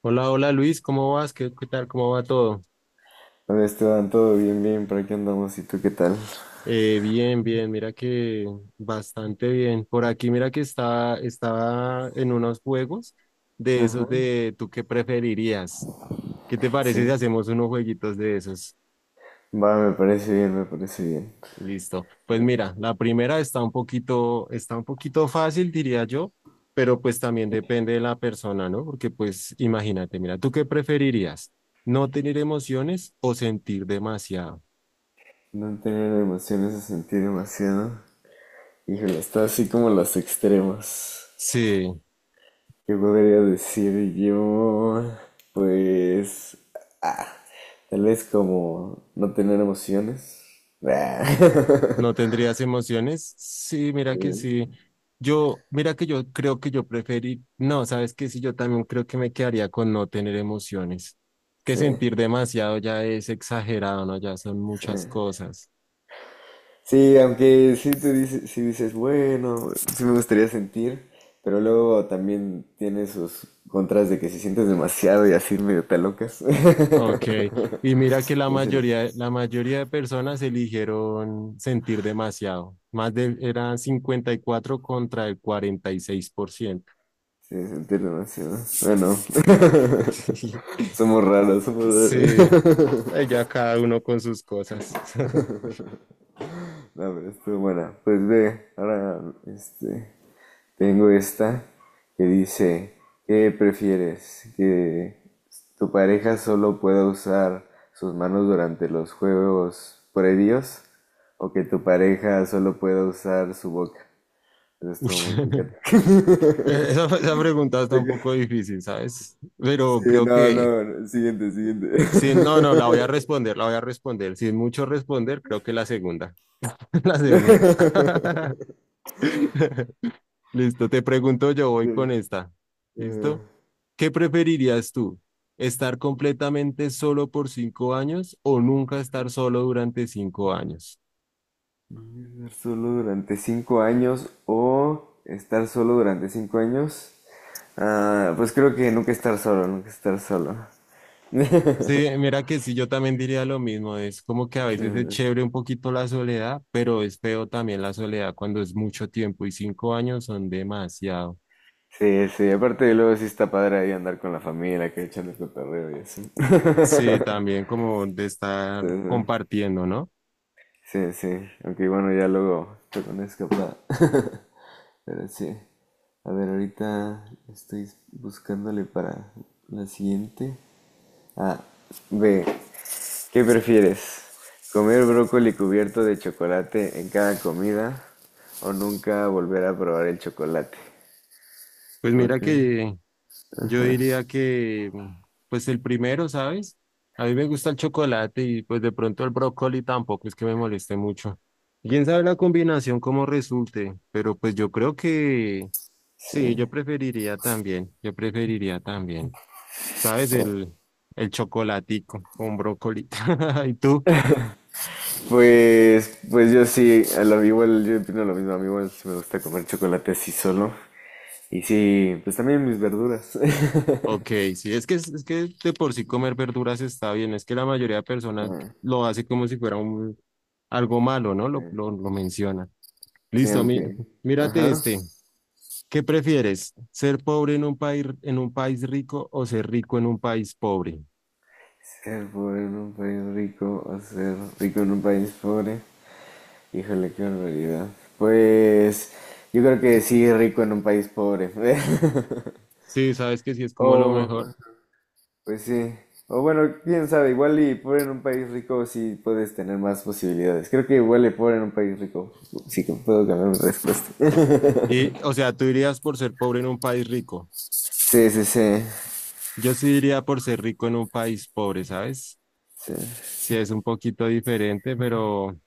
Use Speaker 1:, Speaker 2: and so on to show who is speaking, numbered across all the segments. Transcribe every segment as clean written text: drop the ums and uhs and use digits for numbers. Speaker 1: Hola, hola Luis, ¿cómo vas? ¿Qué tal? ¿Cómo va todo?
Speaker 2: Hola Esteban, todo bien, bien, por aquí andamos, ¿y tú qué tal?
Speaker 1: Bien, bien, mira que bastante bien. Por aquí, mira que estaba en unos juegos de esos de ¿tú qué preferirías? ¿Qué te parece si
Speaker 2: Sí,
Speaker 1: hacemos unos jueguitos de esos?
Speaker 2: va, me parece bien, me parece bien.
Speaker 1: Listo. Pues mira, la primera está un poquito fácil, diría yo, pero pues también depende de la persona, ¿no? Porque pues imagínate, mira, ¿tú qué preferirías? ¿No tener emociones o sentir demasiado?
Speaker 2: No tener emociones a sentir demasiado. Híjole, está así como los extremos.
Speaker 1: Sí.
Speaker 2: ¿Qué podría decir yo? Pues, ah, tal vez como no tener emociones. Ah.
Speaker 1: ¿No tendrías emociones? Sí, mira que sí. Yo, mira que yo creo que yo preferí, no, sabes que sí, yo también creo que me quedaría con no tener emociones. Que
Speaker 2: Sí,
Speaker 1: sentir demasiado ya es exagerado, ¿no? Ya son
Speaker 2: sí.
Speaker 1: muchas cosas.
Speaker 2: Sí, aunque sí dices, bueno, sí me gustaría sentir, pero luego también tiene sus contras de que si sientes demasiado y así medio te locas.
Speaker 1: Ok, y mira que la
Speaker 2: Sí, sí,
Speaker 1: mayoría, la mayoría de personas eligieron sentir demasiado. Más de, eran 54 contra el 46%.
Speaker 2: sí, sentir demasiado. Bueno, somos raros, somos
Speaker 1: Sí,
Speaker 2: raros.
Speaker 1: ahí ya cada uno con sus cosas.
Speaker 2: No, pero estuvo buena. Pues ve, ahora, este, tengo esta que dice, ¿qué prefieres? ¿Que tu pareja solo pueda usar sus manos durante los juegos previos? ¿O que tu pareja solo pueda usar su boca? Eso
Speaker 1: Uy.
Speaker 2: estuvo muy picante.
Speaker 1: Esa pregunta está un poco difícil, ¿sabes? Pero
Speaker 2: Sí,
Speaker 1: creo
Speaker 2: no,
Speaker 1: que,
Speaker 2: no, no, siguiente, siguiente.
Speaker 1: sí, no, no, la voy a responder, la voy a responder. Sin mucho responder, creo que la segunda. La segunda. Listo, te pregunto yo,
Speaker 2: Sí,
Speaker 1: voy con esta.
Speaker 2: eh,
Speaker 1: ¿Listo? ¿Qué preferirías tú? ¿Estar completamente solo por 5 años o nunca estar solo durante 5 años?
Speaker 2: estar solo durante 5 años o estar solo durante 5 años. Ah, pues creo que nunca estar solo, nunca estar solo.
Speaker 1: Sí, mira que sí, yo también diría lo mismo. Es como que a veces es chévere un poquito la soledad, pero es feo también la soledad cuando es mucho tiempo y 5 años son demasiado.
Speaker 2: Sí, sí, aparte luego sí está padre ahí andar con la familia, que echando el cotorreo y así.
Speaker 1: Sí, también como de estar
Speaker 2: Entonces,
Speaker 1: compartiendo, ¿no?
Speaker 2: sí, sí, sí, aunque bueno, ya luego te una escapada. Pero sí, a ver, ahorita estoy buscándole para la siguiente. Ah, B, ¿qué prefieres? ¿Comer brócoli cubierto de chocolate en cada comida o nunca volver a probar el chocolate?
Speaker 1: Pues mira
Speaker 2: Okay.
Speaker 1: que yo diría que, pues el primero, ¿sabes? A mí me gusta el chocolate y pues de pronto el brócoli tampoco es que me moleste mucho. ¿Quién sabe la combinación cómo resulte? Pero pues yo creo que
Speaker 2: Sí.
Speaker 1: sí, yo preferiría también, ¿sabes?
Speaker 2: Oh.
Speaker 1: El chocolatico con brócoli. ¿Y tú?
Speaker 2: Pues yo sí, igual yo opino lo mismo, a mí igual sí me gusta comer chocolate así solo. Y sí, pues también mis verduras.
Speaker 1: Ok, sí, es que de por sí comer verduras está bien, es que la mayoría de personas
Speaker 2: Ah,
Speaker 1: lo hace como si fuera un, algo malo, ¿no?
Speaker 2: sí,
Speaker 1: Lo menciona.
Speaker 2: sí,
Speaker 1: Listo,
Speaker 2: aunque.
Speaker 1: mírate
Speaker 2: Ajá.
Speaker 1: este. ¿Qué prefieres? ¿Ser pobre en un país rico o ser rico en un país pobre?
Speaker 2: Ser pobre en un país rico o ser rico en un país pobre. Híjole, qué barbaridad. Pues yo creo que sí, rico en un país pobre.
Speaker 1: Sí, sabes que sí es como lo
Speaker 2: O,
Speaker 1: mejor.
Speaker 2: pues sí. O bueno, quién sabe, igual y pobre en un país rico sí puedes tener más posibilidades. Creo que igual y pobre en un país rico. Sí que puedo cambiar mi respuesta.
Speaker 1: Y, o sea, tú irías por ser pobre en un país rico.
Speaker 2: Sí, sí, sí.
Speaker 1: Yo sí iría por ser rico en un país pobre, ¿sabes?
Speaker 2: Sí.
Speaker 1: Sí, es un poquito diferente, pero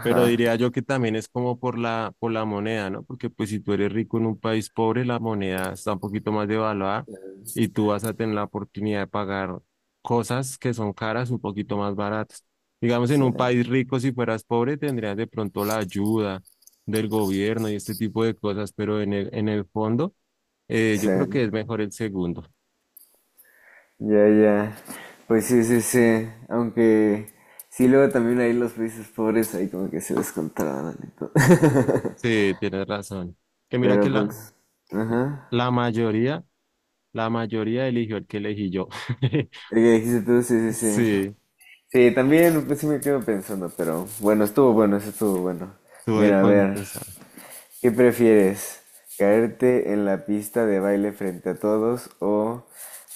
Speaker 1: Pero diría yo que también es como por la moneda, ¿no? Porque pues si tú eres rico en un país pobre, la moneda está un poquito más devaluada y tú vas a tener la oportunidad de pagar cosas que son caras un poquito más baratas. Digamos, en
Speaker 2: Sí.
Speaker 1: un país rico, si fueras pobre, tendrías de pronto la ayuda del gobierno y este tipo de cosas, pero en el fondo, yo
Speaker 2: Sí.
Speaker 1: creo que es mejor el segundo.
Speaker 2: Ya, ya. Pues sí, sí, sí. Aunque sí, luego también ahí los países pobres ahí como que se descontrolan y todo.
Speaker 1: Sí, tienes razón. Que mira que
Speaker 2: Pero pues, ajá.
Speaker 1: la mayoría, la mayoría eligió el que elegí yo.
Speaker 2: El que dijiste tú, sí, sí, sí.
Speaker 1: Sí.
Speaker 2: Sí, también pues sí me quedo pensando, pero bueno, estuvo bueno, eso estuvo bueno.
Speaker 1: Tuve
Speaker 2: Mira, a
Speaker 1: cuando
Speaker 2: ver.
Speaker 1: pensar.
Speaker 2: ¿Qué prefieres? ¿Caerte en la pista de baile frente a todos o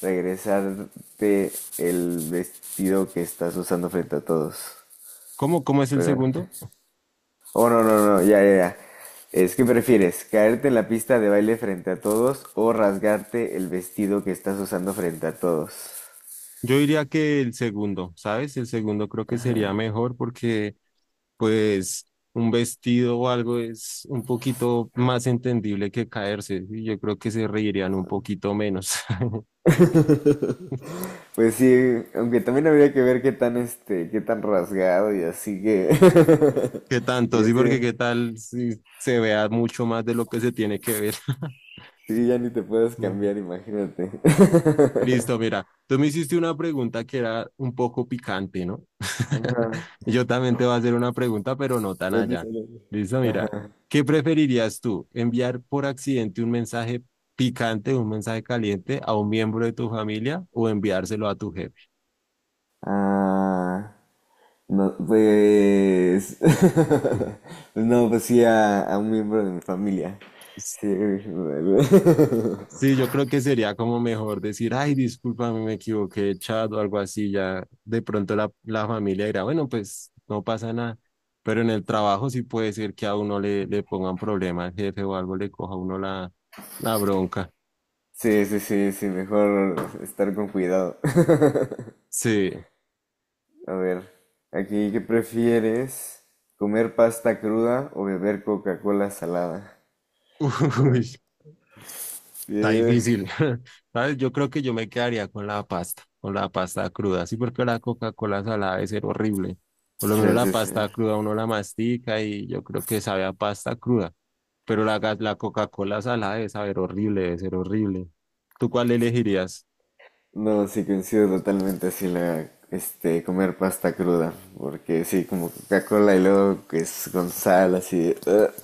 Speaker 2: regresarte el vestido que estás usando frente a todos?
Speaker 1: ¿Cómo es el
Speaker 2: ¿Verdad?
Speaker 1: segundo?
Speaker 2: Oh, no, no, no, ya, ya, ya. Es que prefieres caerte en la pista de baile frente a todos o rasgarte el vestido que estás usando frente a todos.
Speaker 1: Yo diría que el segundo, ¿sabes? El segundo creo que sería mejor porque, pues, un vestido o algo es un poquito más entendible que caerse. Y yo creo que se reirían un poquito menos.
Speaker 2: Pues sí, aunque también habría que ver qué tan este, qué tan rasgado y así que.
Speaker 1: ¿Qué tanto?
Speaker 2: Porque
Speaker 1: Sí,
Speaker 2: sí,
Speaker 1: porque qué tal si se vea mucho más de lo que se tiene que ver.
Speaker 2: sí, ya ni te puedes
Speaker 1: Mm.
Speaker 2: cambiar, imagínate.
Speaker 1: Listo, mira, tú me hiciste una pregunta que era un poco picante, ¿no?
Speaker 2: Ajá.
Speaker 1: Yo también te voy a hacer una pregunta, pero no tan
Speaker 2: Ya te
Speaker 1: allá.
Speaker 2: salió.
Speaker 1: Listo, mira, ¿qué preferirías tú? ¿Enviar por accidente un mensaje picante, un mensaje caliente a un miembro de tu familia o enviárselo a tu jefe?
Speaker 2: Ah, no, pues, pues no, pues sí a, un miembro de mi familia. Sí,
Speaker 1: Sí, yo creo que sería como mejor decir, ay, discúlpame, me equivoqué, chat o algo así. Ya de pronto la familia dirá, bueno, pues no pasa nada. Pero en el trabajo sí puede ser que a uno le, le pongan problema al jefe o algo, le coja a uno la bronca.
Speaker 2: sí, sí, sí, sí, mejor estar con cuidado.
Speaker 1: Sí.
Speaker 2: A ver, aquí, ¿qué prefieres? ¿Comer pasta cruda o beber Coca-Cola salada? Qué raro.
Speaker 1: Uy. Está
Speaker 2: Sí,
Speaker 1: difícil. ¿Sabes? Yo creo que yo me quedaría con la pasta cruda. Sí, porque la Coca-Cola salada debe ser horrible. Por lo menos
Speaker 2: sí,
Speaker 1: la
Speaker 2: sí. Sí.
Speaker 1: pasta cruda uno la mastica y yo creo que sabe a pasta cruda. Pero la, ga- la Coca-Cola salada debe saber horrible, debe ser horrible. ¿Tú cuál elegirías?
Speaker 2: No, sí coincido totalmente así comer pasta cruda, porque sí, como Coca-Cola y luego que es con sal, así.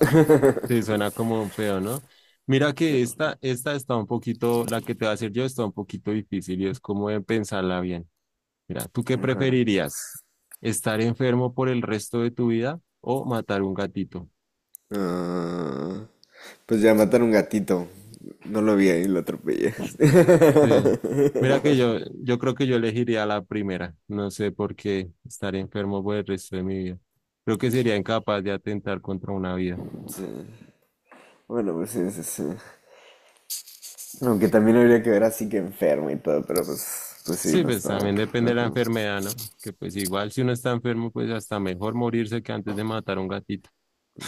Speaker 1: Sí, suena como un feo, ¿no? Mira que esta está un poquito, la que te va a hacer yo está un poquito difícil y es como de pensarla bien. Mira, ¿tú qué preferirías? ¿Estar enfermo por el resto de tu vida o matar un gatito?
Speaker 2: Ah, pues ya matar un gatito, no lo vi ahí, lo atropellé.
Speaker 1: Sí. Mira que yo creo que yo elegiría la primera. No sé por qué estar enfermo por el resto de mi vida. Creo que sería incapaz de atentar contra una vida.
Speaker 2: Sí, bueno, pues sí, sí, sí. Aunque también habría que ver así que enfermo y todo, pero pues, pues sí,
Speaker 1: Sí,
Speaker 2: no
Speaker 1: pues
Speaker 2: está. Ajá.
Speaker 1: también depende de la enfermedad, ¿no? Que pues igual si uno está enfermo, pues hasta mejor morirse que antes de matar a un gatito.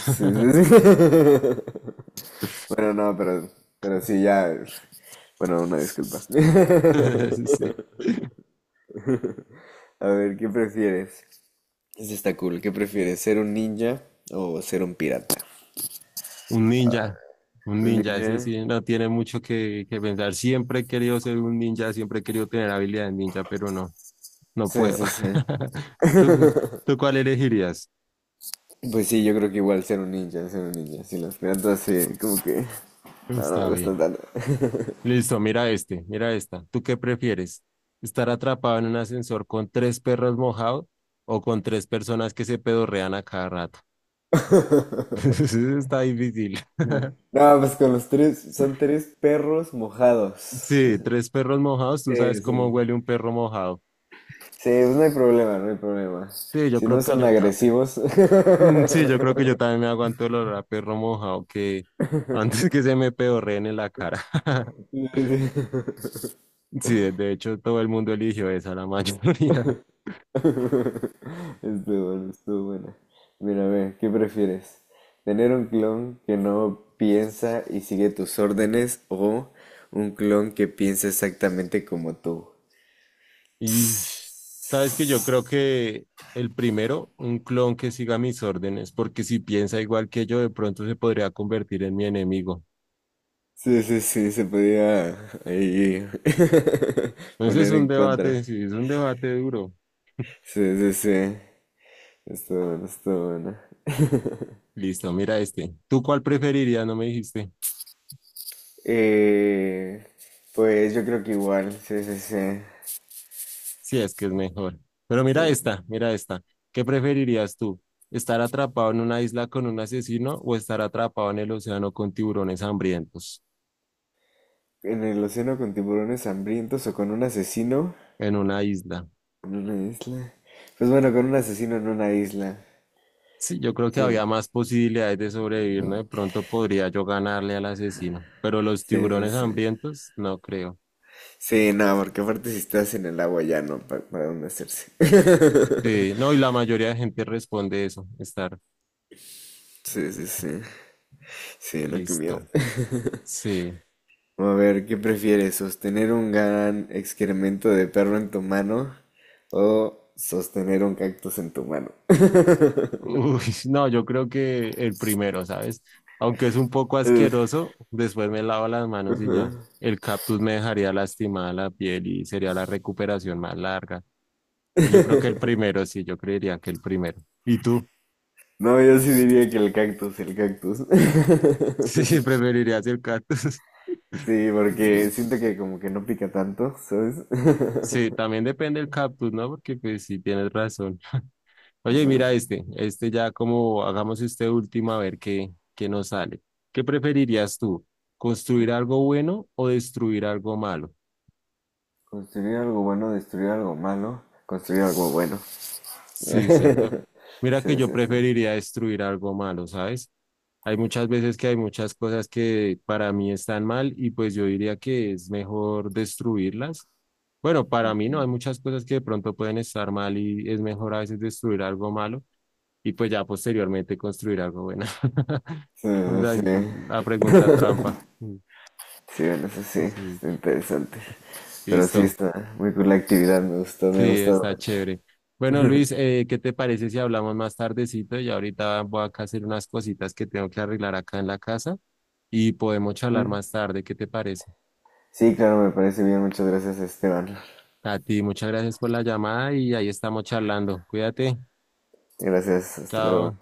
Speaker 2: Sí, sí, sí. Bueno, no, pero sí, ya. Bueno, una disculpa.
Speaker 1: Sí.
Speaker 2: A ver, ¿qué prefieres? Eso está cool. ¿Qué prefieres, ser un ninja o ser un pirata?
Speaker 1: Un ninja, un
Speaker 2: Un
Speaker 1: ninja, ese
Speaker 2: ninja.
Speaker 1: sí no tiene mucho que pensar. Siempre he querido ser un ninja, siempre he querido tener habilidad de ninja, pero no, no
Speaker 2: Sí,
Speaker 1: puedo.
Speaker 2: sí, sí.
Speaker 1: ¿Tú, tú cuál elegirías?
Speaker 2: Pues sí, yo creo que igual ser un ninja, ser un ninja. Sí, los piratas sí, como que... no, no me
Speaker 1: Está
Speaker 2: gustan
Speaker 1: bien.
Speaker 2: tanto.
Speaker 1: Listo, mira este, mira esta. ¿Tú qué prefieres? ¿Estar atrapado en un ascensor con tres perros mojados o con tres personas que se pedorrean a cada rato? Eso está difícil.
Speaker 2: Sí. No, pues con los tres, son tres perros mojados.
Speaker 1: Sí, tres perros mojados, tú sabes
Speaker 2: Sí, sí.
Speaker 1: cómo huele un perro mojado.
Speaker 2: Sí, pues no hay problema, no hay problema.
Speaker 1: Sí, yo
Speaker 2: Si no
Speaker 1: creo que
Speaker 2: son
Speaker 1: yo también.
Speaker 2: agresivos.
Speaker 1: Mm, sí, yo creo que yo también me aguanto el olor a perro mojado que antes que se me pedorreen en la cara.
Speaker 2: Sí, sí.
Speaker 1: Sí, de hecho todo el mundo eligió esa, la mayoría.
Speaker 2: Estuvo bueno, estuvo buena. Mira, a ver, ¿qué prefieres? ¿Tener un clon que no piensa y sigue tus órdenes o un clon que piensa exactamente como tú?
Speaker 1: Y sabes que yo creo que el primero, un clon que siga mis órdenes, porque si piensa igual que yo, de pronto se podría convertir en mi enemigo.
Speaker 2: Sí, sí, sí, se podía ahí
Speaker 1: Entonces es
Speaker 2: poner
Speaker 1: un
Speaker 2: en contra.
Speaker 1: debate, sí, es un debate duro.
Speaker 2: Sí, sí, sí. Estuvo bueno, estuvo bueno.
Speaker 1: Listo, mira este. ¿Tú cuál preferirías? No me dijiste.
Speaker 2: Eh, pues yo creo que igual, sí, sí, sí.
Speaker 1: Sí, es que es mejor. Pero
Speaker 2: Sí.
Speaker 1: mira esta, mira esta. ¿Qué preferirías tú? ¿Estar atrapado en una isla con un asesino o estar atrapado en el océano con tiburones hambrientos
Speaker 2: ¿En el océano con tiburones hambrientos o con un asesino?
Speaker 1: en una isla?
Speaker 2: En una isla. Pues bueno, con un asesino en una isla.
Speaker 1: Sí, yo creo que
Speaker 2: Sí,
Speaker 1: había más posibilidades de sobrevivir, ¿no? De pronto podría yo ganarle al asesino, pero los
Speaker 2: sí, sí,
Speaker 1: tiburones
Speaker 2: sí.
Speaker 1: hambrientos, no creo.
Speaker 2: Sí, no, porque aparte si estás en el agua ya no, para dónde hacerse.
Speaker 1: Sí, no, y la mayoría de gente responde eso, estar
Speaker 2: Sí, sí, sí. Sí, no, qué miedo.
Speaker 1: listo. Sí.
Speaker 2: A ver, ¿qué prefieres? ¿Sostener un gran excremento de perro en tu mano o sostener un cactus en tu mano?
Speaker 1: Uy, no, yo creo que el primero, ¿sabes? Aunque es un poco
Speaker 2: Eh,
Speaker 1: asqueroso, después me lavo las manos y
Speaker 2: ujú.
Speaker 1: ya. El cactus me dejaría lastimada la piel y sería la recuperación más larga. Pues yo creo que el primero, sí, yo creería que el primero. ¿Y tú?
Speaker 2: No, yo sí diría que el cactus, el cactus.
Speaker 1: Sí, preferirías el cactus.
Speaker 2: Sí,
Speaker 1: Mm,
Speaker 2: porque siento que como que no pica tanto, ¿sabes?
Speaker 1: sí, también depende del cactus, ¿no? Porque pues sí, tienes razón. Oye, mira
Speaker 2: Entonces,
Speaker 1: este, este ya como hagamos este último a ver qué nos sale. ¿Qué preferirías tú? ¿Construir algo bueno o destruir algo malo?
Speaker 2: construir algo bueno, destruir algo malo, construir algo bueno.
Speaker 1: Sí, cierto. Mira que
Speaker 2: Sí,
Speaker 1: yo
Speaker 2: sí, sí.
Speaker 1: preferiría destruir algo malo, ¿sabes? Hay muchas veces que hay muchas cosas que para mí están mal y pues yo diría que es mejor destruirlas. Bueno, para mí no, hay muchas cosas que de pronto pueden estar mal y es mejor a veces destruir algo malo y pues ya posteriormente construir algo bueno.
Speaker 2: Sí,
Speaker 1: O
Speaker 2: eso
Speaker 1: sea,
Speaker 2: sí.
Speaker 1: la pregunta trampa. Mm,
Speaker 2: Sí, bueno, eso sí,
Speaker 1: sí,
Speaker 2: está interesante. Pero sí,
Speaker 1: listo.
Speaker 2: está muy cool la actividad, me gustó, me ha
Speaker 1: Sí,
Speaker 2: gustado
Speaker 1: está
Speaker 2: mucho.
Speaker 1: chévere. Bueno, Luis, ¿qué te parece si hablamos más tardecito? Y ahorita voy acá a hacer unas cositas que tengo que arreglar acá en la casa y podemos charlar más tarde. ¿Qué te parece?
Speaker 2: Sí, claro, me parece bien, muchas gracias, Esteban.
Speaker 1: A ti, muchas gracias por la llamada y ahí estamos charlando. Cuídate.
Speaker 2: Gracias, hasta luego.
Speaker 1: Chao.